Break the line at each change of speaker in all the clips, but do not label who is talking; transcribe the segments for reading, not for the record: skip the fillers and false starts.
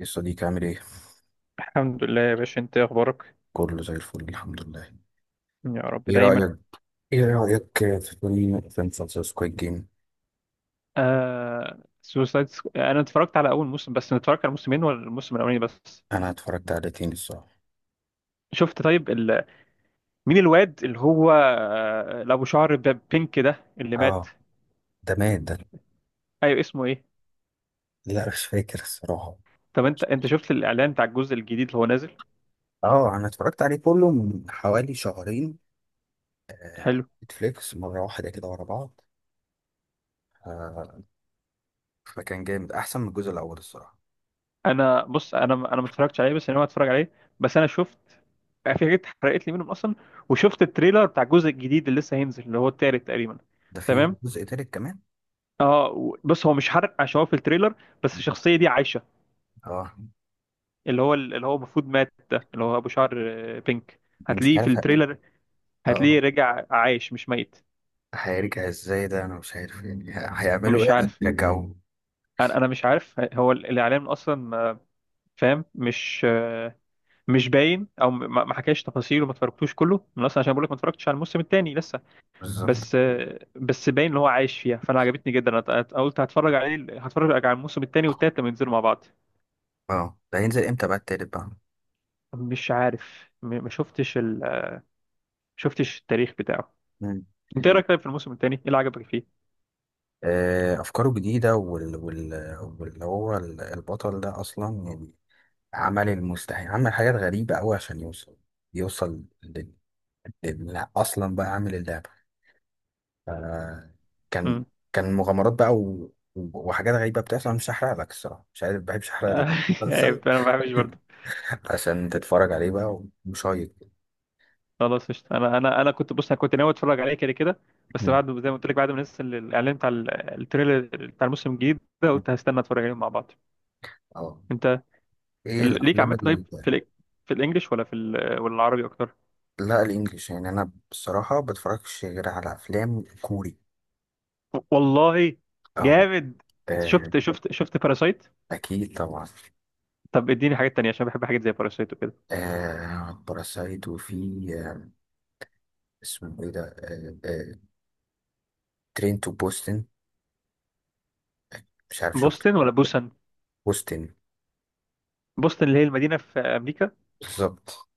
يا صديقي عامل ايه؟
الحمد لله يا باشا، انت ايه اخبارك؟
كله زي الفل الحمد لله.
يا رب
ايه
دايما.
رأيك ايه رأيك في فيلم فيلم مسلسل سكويد جيم؟
انا اتفرجت على اول موسم. بس انا اتفرجت على موسمين ولا الموسم الاولاني بس؟
انا اتفرجت عليه تاني الصراحة.
شفت طيب مين الواد اللي هو، اللي ابو شعر بينك ده اللي
اه،
مات؟
ده مات ده.
ايوه اسمه ايه؟
لا مش فاكر الصراحة.
طب انت شفت الاعلان بتاع الجزء الجديد اللي هو نازل؟
اه، انا اتفرجت عليه كله من حوالي شهرين.
حلو.
نتفليكس مرة واحدة كده ورا بعض. آه، فكان جامد احسن من الجزء الاول الصراحة.
انا بص، انا ما اتفرجتش عليه بس انا ناوي اتفرج عليه. بس انا شفت في حاجات اتحرقت لي منهم اصلا، وشفت التريلر بتاع الجزء الجديد اللي لسه هينزل اللي هو التالت تقريبا.
ده فيه
تمام.
جزء تالت كمان؟
اه بص، هو مش حرق عشان هو في التريلر، بس الشخصيه دي عايشه.
اه.
اللي هو المفروض مات، ده اللي هو ابو شعر، بينك.
مش
هتلاقيه في
عارف ه-
التريلر.
اه،
هتلاقيه رجع عايش مش ميت.
هيرجع ازاي ده انا مش عارف يعني. هيعملوا ايه
مش
عشان
عارف.
يرجعوه؟
انا مش عارف هو الاعلان اصلا، فاهم؟ مش مش باين. او ما حكاش تفاصيله. ما اتفرجتوش كله من اصلا عشان بقول لك ما اتفرجتش على الموسم الثاني لسه.
بالظبط.
بس بس باين ان هو عايش فيها. فانا عجبتني جدا. أنا قلت هتفرج عليه، هتفرج على الموسم الثاني والثالث لما ينزلوا مع بعض.
اه، ده هينزل امتى بقى التالت بقى؟
مش عارف، ما شفتش. شفتش التاريخ بتاعه.
مم.
انت ايه رايك طيب في الموسم الثاني؟ ايه اللي عجبك فيه؟
افكاره جديده واللي هو البطل ده اصلا يعني عمل المستحيل، عمل حاجات غريبه قوي عشان يوصل، يوصل اصلا بقى عامل اللعبه. ف- كان،
امم.
كان مغامرات بقى وحاجات غريبه بتحصل. مش هحرق لك الصراحه، مش عارف بحبش احرق
ايوه
المسلسل.
انا ما بحبش برضه.
عشان تتفرج عليه بقى وشايط.
خلاص قشطة. انا كنت بص، انا كنت ناوي اتفرج عليه كده كده. بس
مم.
بعد زي ما قلت لك، بعد ما نزل الاعلان بتاع التريلر بتاع الموسم الجديد ده، قلت هستنى اتفرج عليهم مع بعض.
اه.
انت
ايه
ليك
الافلام؟
عامه طيب في في الانجليش ولا في ولا العربي اكتر؟
لا الانجليش، يعني انا بصراحه بتفرجش غير على افلام كوري.
والله
اهو.
جامد.
آه،
شفت باراسايت؟
اكيد طبعا.
طب اديني حاجات تانية عشان بحب حاجات زي باراسايت وكده.
باراسايت وفي، آه اسمه ايه ده، ترين تو بوستن، مش عارف شفته؟
بوسطن ولا بوسن؟
بوستن.
بوسطن اللي هي المدينه في امريكا.
بالظبط.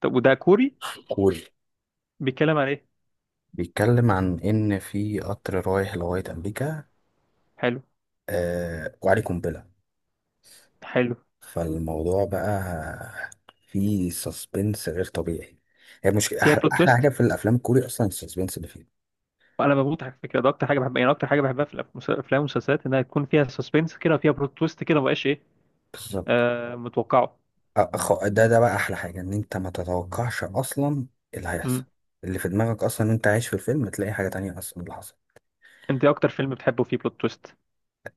طب وده كوري؟
كوري.
بيتكلم عن ايه؟
بيتكلم عن ان في قطر رايح لغايه امريكا،
حلو
وعليه قنبله.
حلو.
فالموضوع بقى فيه سسبنس غير طبيعي. هي مش
فيها
احلى
بلوت
احلى حاجه
تويست.
في الافلام الكوري اصلا السسبنس اللي فيها؟
وانا بموت على فكره، ده اكتر حاجه بحبها، يعني اكتر حاجه بحبها في الافلام والمسلسلات انها يكون فيها سسبنس كده وفيها بلوت تويست كده، مبقاش ايه،
بالظبط.
متوقعه.
ده، ده بقى احلى حاجه، ان انت ما تتوقعش اصلا اللي هيحصل،
امم.
اللي في دماغك اصلا، وانت عايش في الفيلم تلاقي حاجه تانية اصلا اللي حصل.
انت إيه اكتر فيلم بتحبه فيه بلوت تويست؟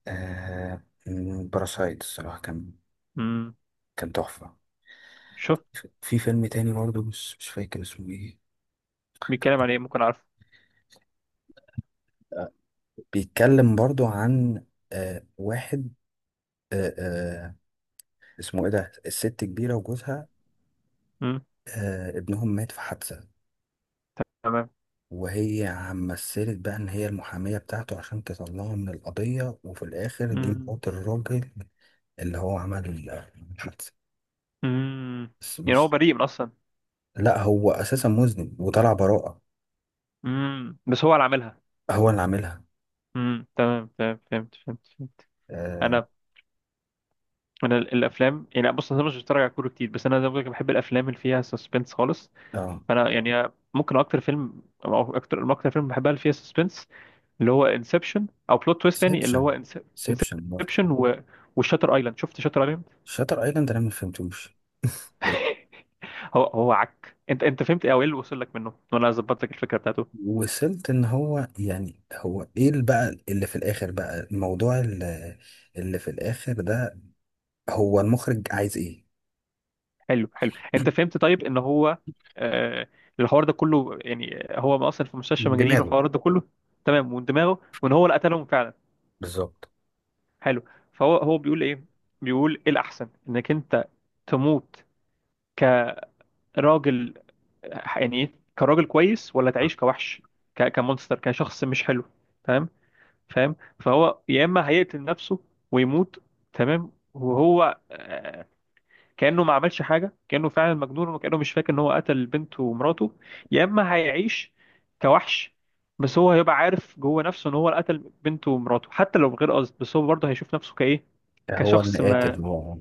آه باراسايت الصراحه كان،
امم.
كان تحفه.
شوف.
في فيلم تاني برضو مش فاكر اسمه ايه.
بيتكلم عن ايه؟ ممكن اعرفه.
آه، بيتكلم برضو عن، واحد، آه آه اسمه ايه ده، الست كبيره وجوزها،
امم.
ابنهم مات في حادثه،
تمام.
وهي عم مثلت بقى ان هي المحامية بتاعته عشان تطلعه من القضية. وفي الاخر دي
امم.
مرات الراجل اللي هو عمل الحادثة.
امم.
بس
يعني هو
مش،
بريء من اصلا؟
لا هو اساسا مذنب وطلع براءة.
امم. بس هو اللي عاملها.
هو اللي عاملها.
امم. تمام تمام. فهمت فهمت فهمت.
اه.
انا. انا الافلام يعني بص، انا مش بتفرج على كوره كتير، بس انا زي ما بقولك بحب الافلام اللي فيها سسبنس خالص.
اه،
فانا يعني ممكن اكتر فيلم او اكتر فيلم بحبها اللي فيها سسبنس، اللي هو انسبشن. او بلوت تويست تاني اللي هو
سيبشن، سيبشن برضه.
انسبشن، و وشاتر ايلاند. شفت شاتر ايلاند؟
شاتر ايلاند انا ما فهمتوش. ده-
هو عك. انت فهمت ايه؟ او ايه اللي وصل لك منه؟ وانا ظبطت لك الفكره بتاعته.
وصلت ان هو يعني، هو ايه اللي بقى، اللي في الاخر بقى الموضوع، اللي اللي في الاخر ده هو المخرج عايز ايه.
حلو حلو. انت فهمت طيب ان هو، آه الحوار ده كله، يعني هو اصلا في مستشفى
من
مجانين،
دماغه.
والحوار ده كله تمام، ومن دماغه. وان هو اللي قتلهم فعلا.
بالظبط.
حلو. فهو بيقول ايه؟ بيقول ايه الاحسن، انك انت تموت كراجل. يعني ايه كراجل كويس ولا تعيش كوحش، كمونستر، كشخص مش حلو؟ تمام. فاهم؟ فهو يا اما هيقتل نفسه ويموت. تمام. وهو، كأنه ما عملش حاجة، كأنه فعلا مجنون، وكأنه مش فاكر ان هو قتل بنته ومراته. يا اما هيعيش كوحش، بس هو هيبقى عارف جوه نفسه ان هو اللي قتل بنته ومراته حتى لو بغير قصد. بس هو برضه هيشوف نفسه كايه،
هو
كشخص
المقاتل
ما.
هو.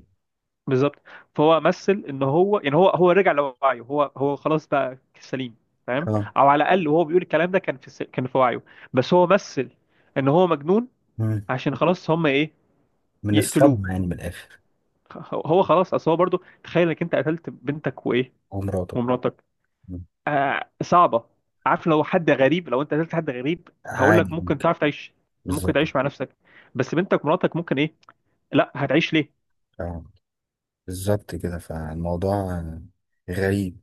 بالظبط. فهو مثل ان هو، يعني هو رجع لوعيه. هو خلاص بقى سليم، فاهم؟
اه.
او على الاقل وهو بيقول الكلام ده كان في كان في وعيه. بس هو مثل ان هو مجنون
مم.
عشان خلاص هم ايه،
من
يقتلوه.
الصدمة، يعني من الآخر.
هو خلاص. اصل هو برضه، تخيل انك انت قتلت بنتك وايه،
هو مراته.
ومراتك.
مم.
آه صعبه. عارف لو حد غريب، لو انت قتلت حد غريب، هقول لك
عادي
ممكن
ممكن.
تعرف تعيش. ممكن
بالظبط.
تعيش مع نفسك. بس بنتك ومراتك، ممكن ايه؟ لا هتعيش ليه.
اه بالظبط كده. فالموضوع غريب.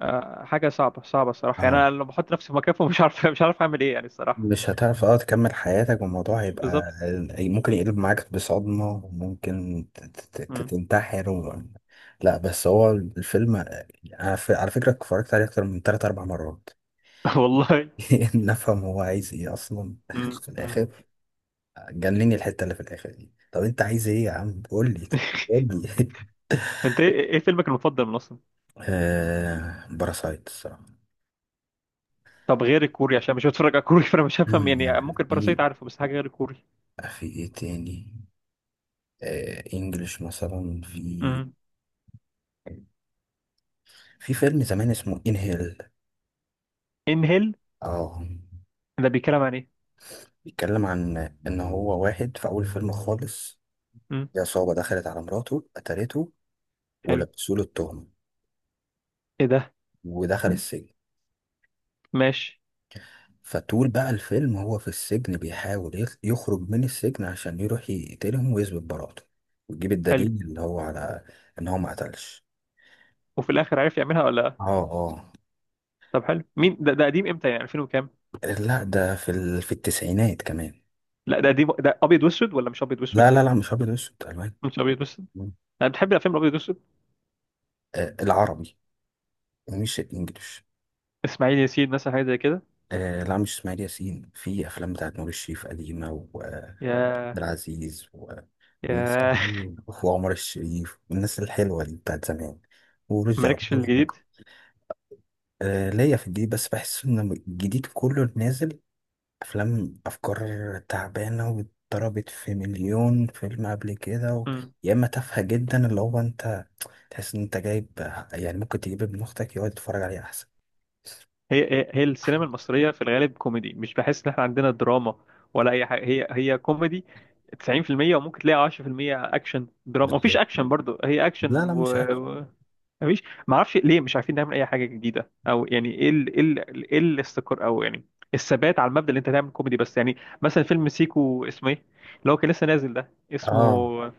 حاجة صعبة صعبة الصراحة. يعني
اه،
أنا لو بحط نفسي في مكانهم مش عارف، مش عارف أعمل إيه يعني الصراحة.
مش هتعرف اه تكمل حياتك، والموضوع هيبقى
بالظبط.
ممكن يقلب معاك بصدمة، وممكن
مم.
تنتحر لا بس هو الفيلم على على فكرة اتفرجت عليه أكتر من تلات أربع مرات.
والله.
نفهم هو عايز ايه أصلا؟
مم.
في
مم.
الآخر جنني الحتة اللي في الآخر دي. طب أنت عايز إيه يا عم؟ قول لي. قول لي.
أنت إيه إيه فيلمك المفضل من أصلا؟
باراسايت الصراحة.
طب غير الكوري عشان مش بتفرج على كوري، فأنا مش هفهم يعني.
يعني
ممكن
في،
باراسايت عارفه، بس حاجة غير الكوري.
في إيه تاني، إنجلش مثلا، في
مم.
في فيلم زمان اسمه إنهيل.
إنهيل.
اه.
ده بيتكلم عن إيه؟
بيتكلم عن إن هو واحد في أول فيلم خالص
مم.
في عصابة دخلت على مراته قتلته
حلو.
ولبسوا له التهمة
إيه ده؟
ودخل السجن.
ماشي.
فطول بقى الفيلم هو في السجن بيحاول يخرج من السجن عشان يروح يقتلهم ويثبت براءته، ويجيب
حلو.
الدليل اللي هو على ان هو ما قتلش.
وفي الآخر عرف يعملها ولا لأ؟
اه. اه.
طب حلو. مين ده؟ ده قديم إمتى؟ يعني 2000 وكام؟
لا ده في في التسعينات كمان.
لا ده قديم، ده أبيض وأسود ولا مش أبيض
لا
وأسود؟
لا لا، مش ابيض واسود، الوان.
مش أبيض وأسود.
مم.
أنا بتحب الأفلام الأبيض وأسود؟
آه، العربي ومش الانجليش.
إسماعيل ياسين مثلا حاجة زي كده.
آه لا، مش اسماعيل ياسين. في افلام بتاعت نور الشريف قديمه، وعبد
يا
العزيز والناس
ياه.
وعمر الشريف والناس الحلوه دي بتاعت زمان، ورشدي
مالكش في
اباظة.
الجديد؟
ليا في الجديد، بس بحس ان الجديد كله نازل افلام افكار تعبانه واتضربت في مليون فيلم قبل كده
مم.
يا اما تافهه جدا، اللي هو انت تحس ان انت جايب، يعني ممكن تجيب ابن اختك يقعد يتفرج عليه احسن.
هي السينما المصرية في الغالب كوميدي. مش بحس ان احنا عندنا دراما ولا اي حاجة. هي كوميدي 90%، وممكن تلاقي 10% اكشن دراما. مفيش
بالظبط.
اكشن برضو. هي
لا
اكشن
لا،
و...
مش اكشن.
و... مفيش. معرفش ليه مش عارفين نعمل اي حاجة جديدة. او يعني ايه الاستقرار، او يعني الثبات على المبدأ، اللي انت تعمل كوميدي بس. يعني مثلا فيلم سيكو اسمه ايه، اللي هو كان لسه نازل ده،
اه.
اسمه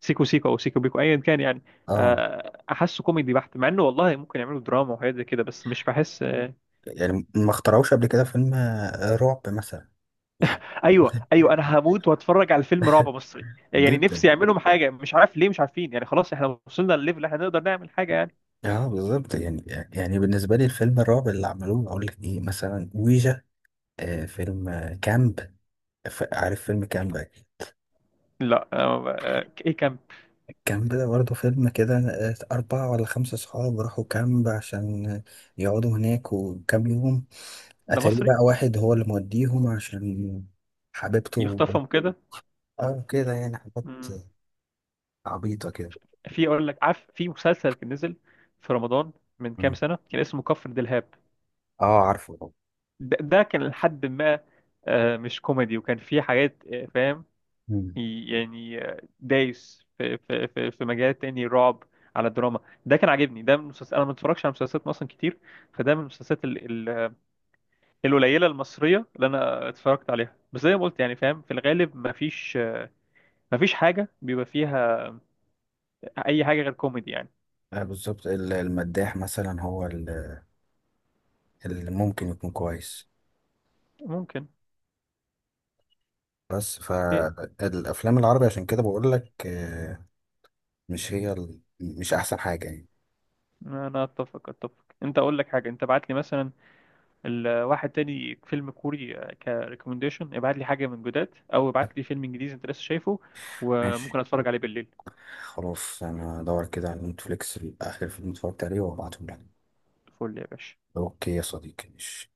سيكو سيكو او سيكو بيكو ايا كان يعني،
اه،
احسه كوميدي بحت، مع انه والله ممكن يعملوا دراما وحاجات زي كده. بس مش بحس.
يعني ما اخترعوش قبل كده فيلم رعب مثلا يعني.
ايوه ايوه، انا هموت واتفرج على فيلم رعب مصري. يعني نفسي
جدا.
يعملهم حاجه. مش عارف ليه مش عارفين يعني. خلاص احنا وصلنا للليفل اللي احنا نقدر نعمل حاجه يعني.
اه بالظبط يعني، يعني بالنسبه لي الفيلم الرعب اللي عملوه اقول لك ايه مثلا، ويجا، فيلم كامب. عارف فيلم كامب أكيد؟
لا ايه كان.
كامب ده برضه فيلم كده، أربعة ولا خمسة صحاب راحوا كامب عشان يقعدوا هناك وكام يوم.
ده
أتاري
مصري؟
بقى واحد هو اللي موديهم عشان حبيبته.
يخطفهم كده.
اه كده، يعني حاجات
مم.
عبيطة كده.
في اقول لك، عارف في مسلسل كان نزل في رمضان من كام
مم.
سنه، كان اسمه كفر دلهاب.
اه عارفه.
ده كان لحد ما، مش كوميدي، وكان فيه حاجات، فاهم
مم.
يعني، دايس في مجال تاني، رعب على الدراما. ده كان عاجبني ده من مسلسل. انا ما اتفرجش على مسلسلات مصر كتير. فده من المسلسلات القليله المصريه اللي انا اتفرجت عليها. بس زي ما قلت يعني، فاهم، في الغالب ما فيش، ما فيش حاجه بيبقى فيها اي حاجه غير كوميدي يعني.
بالظبط، المداح مثلا هو اللي ممكن يكون كويس.
ممكن
بس
إيه،
فالافلام العربي عشان كده بقول لك، مش هي مش احسن حاجه يعني.
انا اتفق اتفق. انت اقول لك حاجه، انت بعت لي مثلا الواحد تاني فيلم كوري كريكومنديشن، ابعت لي حاجه من جداد او ابعت لي فيلم انجليزي انت لسه شايفه،
ماشي.
وممكن اتفرج عليه بالليل.
خلاص انا هدور كده على نتفليكس اخر فيلم اتفرجت عليه وابعته لك.
فل يا باشا.
اوكي يا صديقي، ماشي.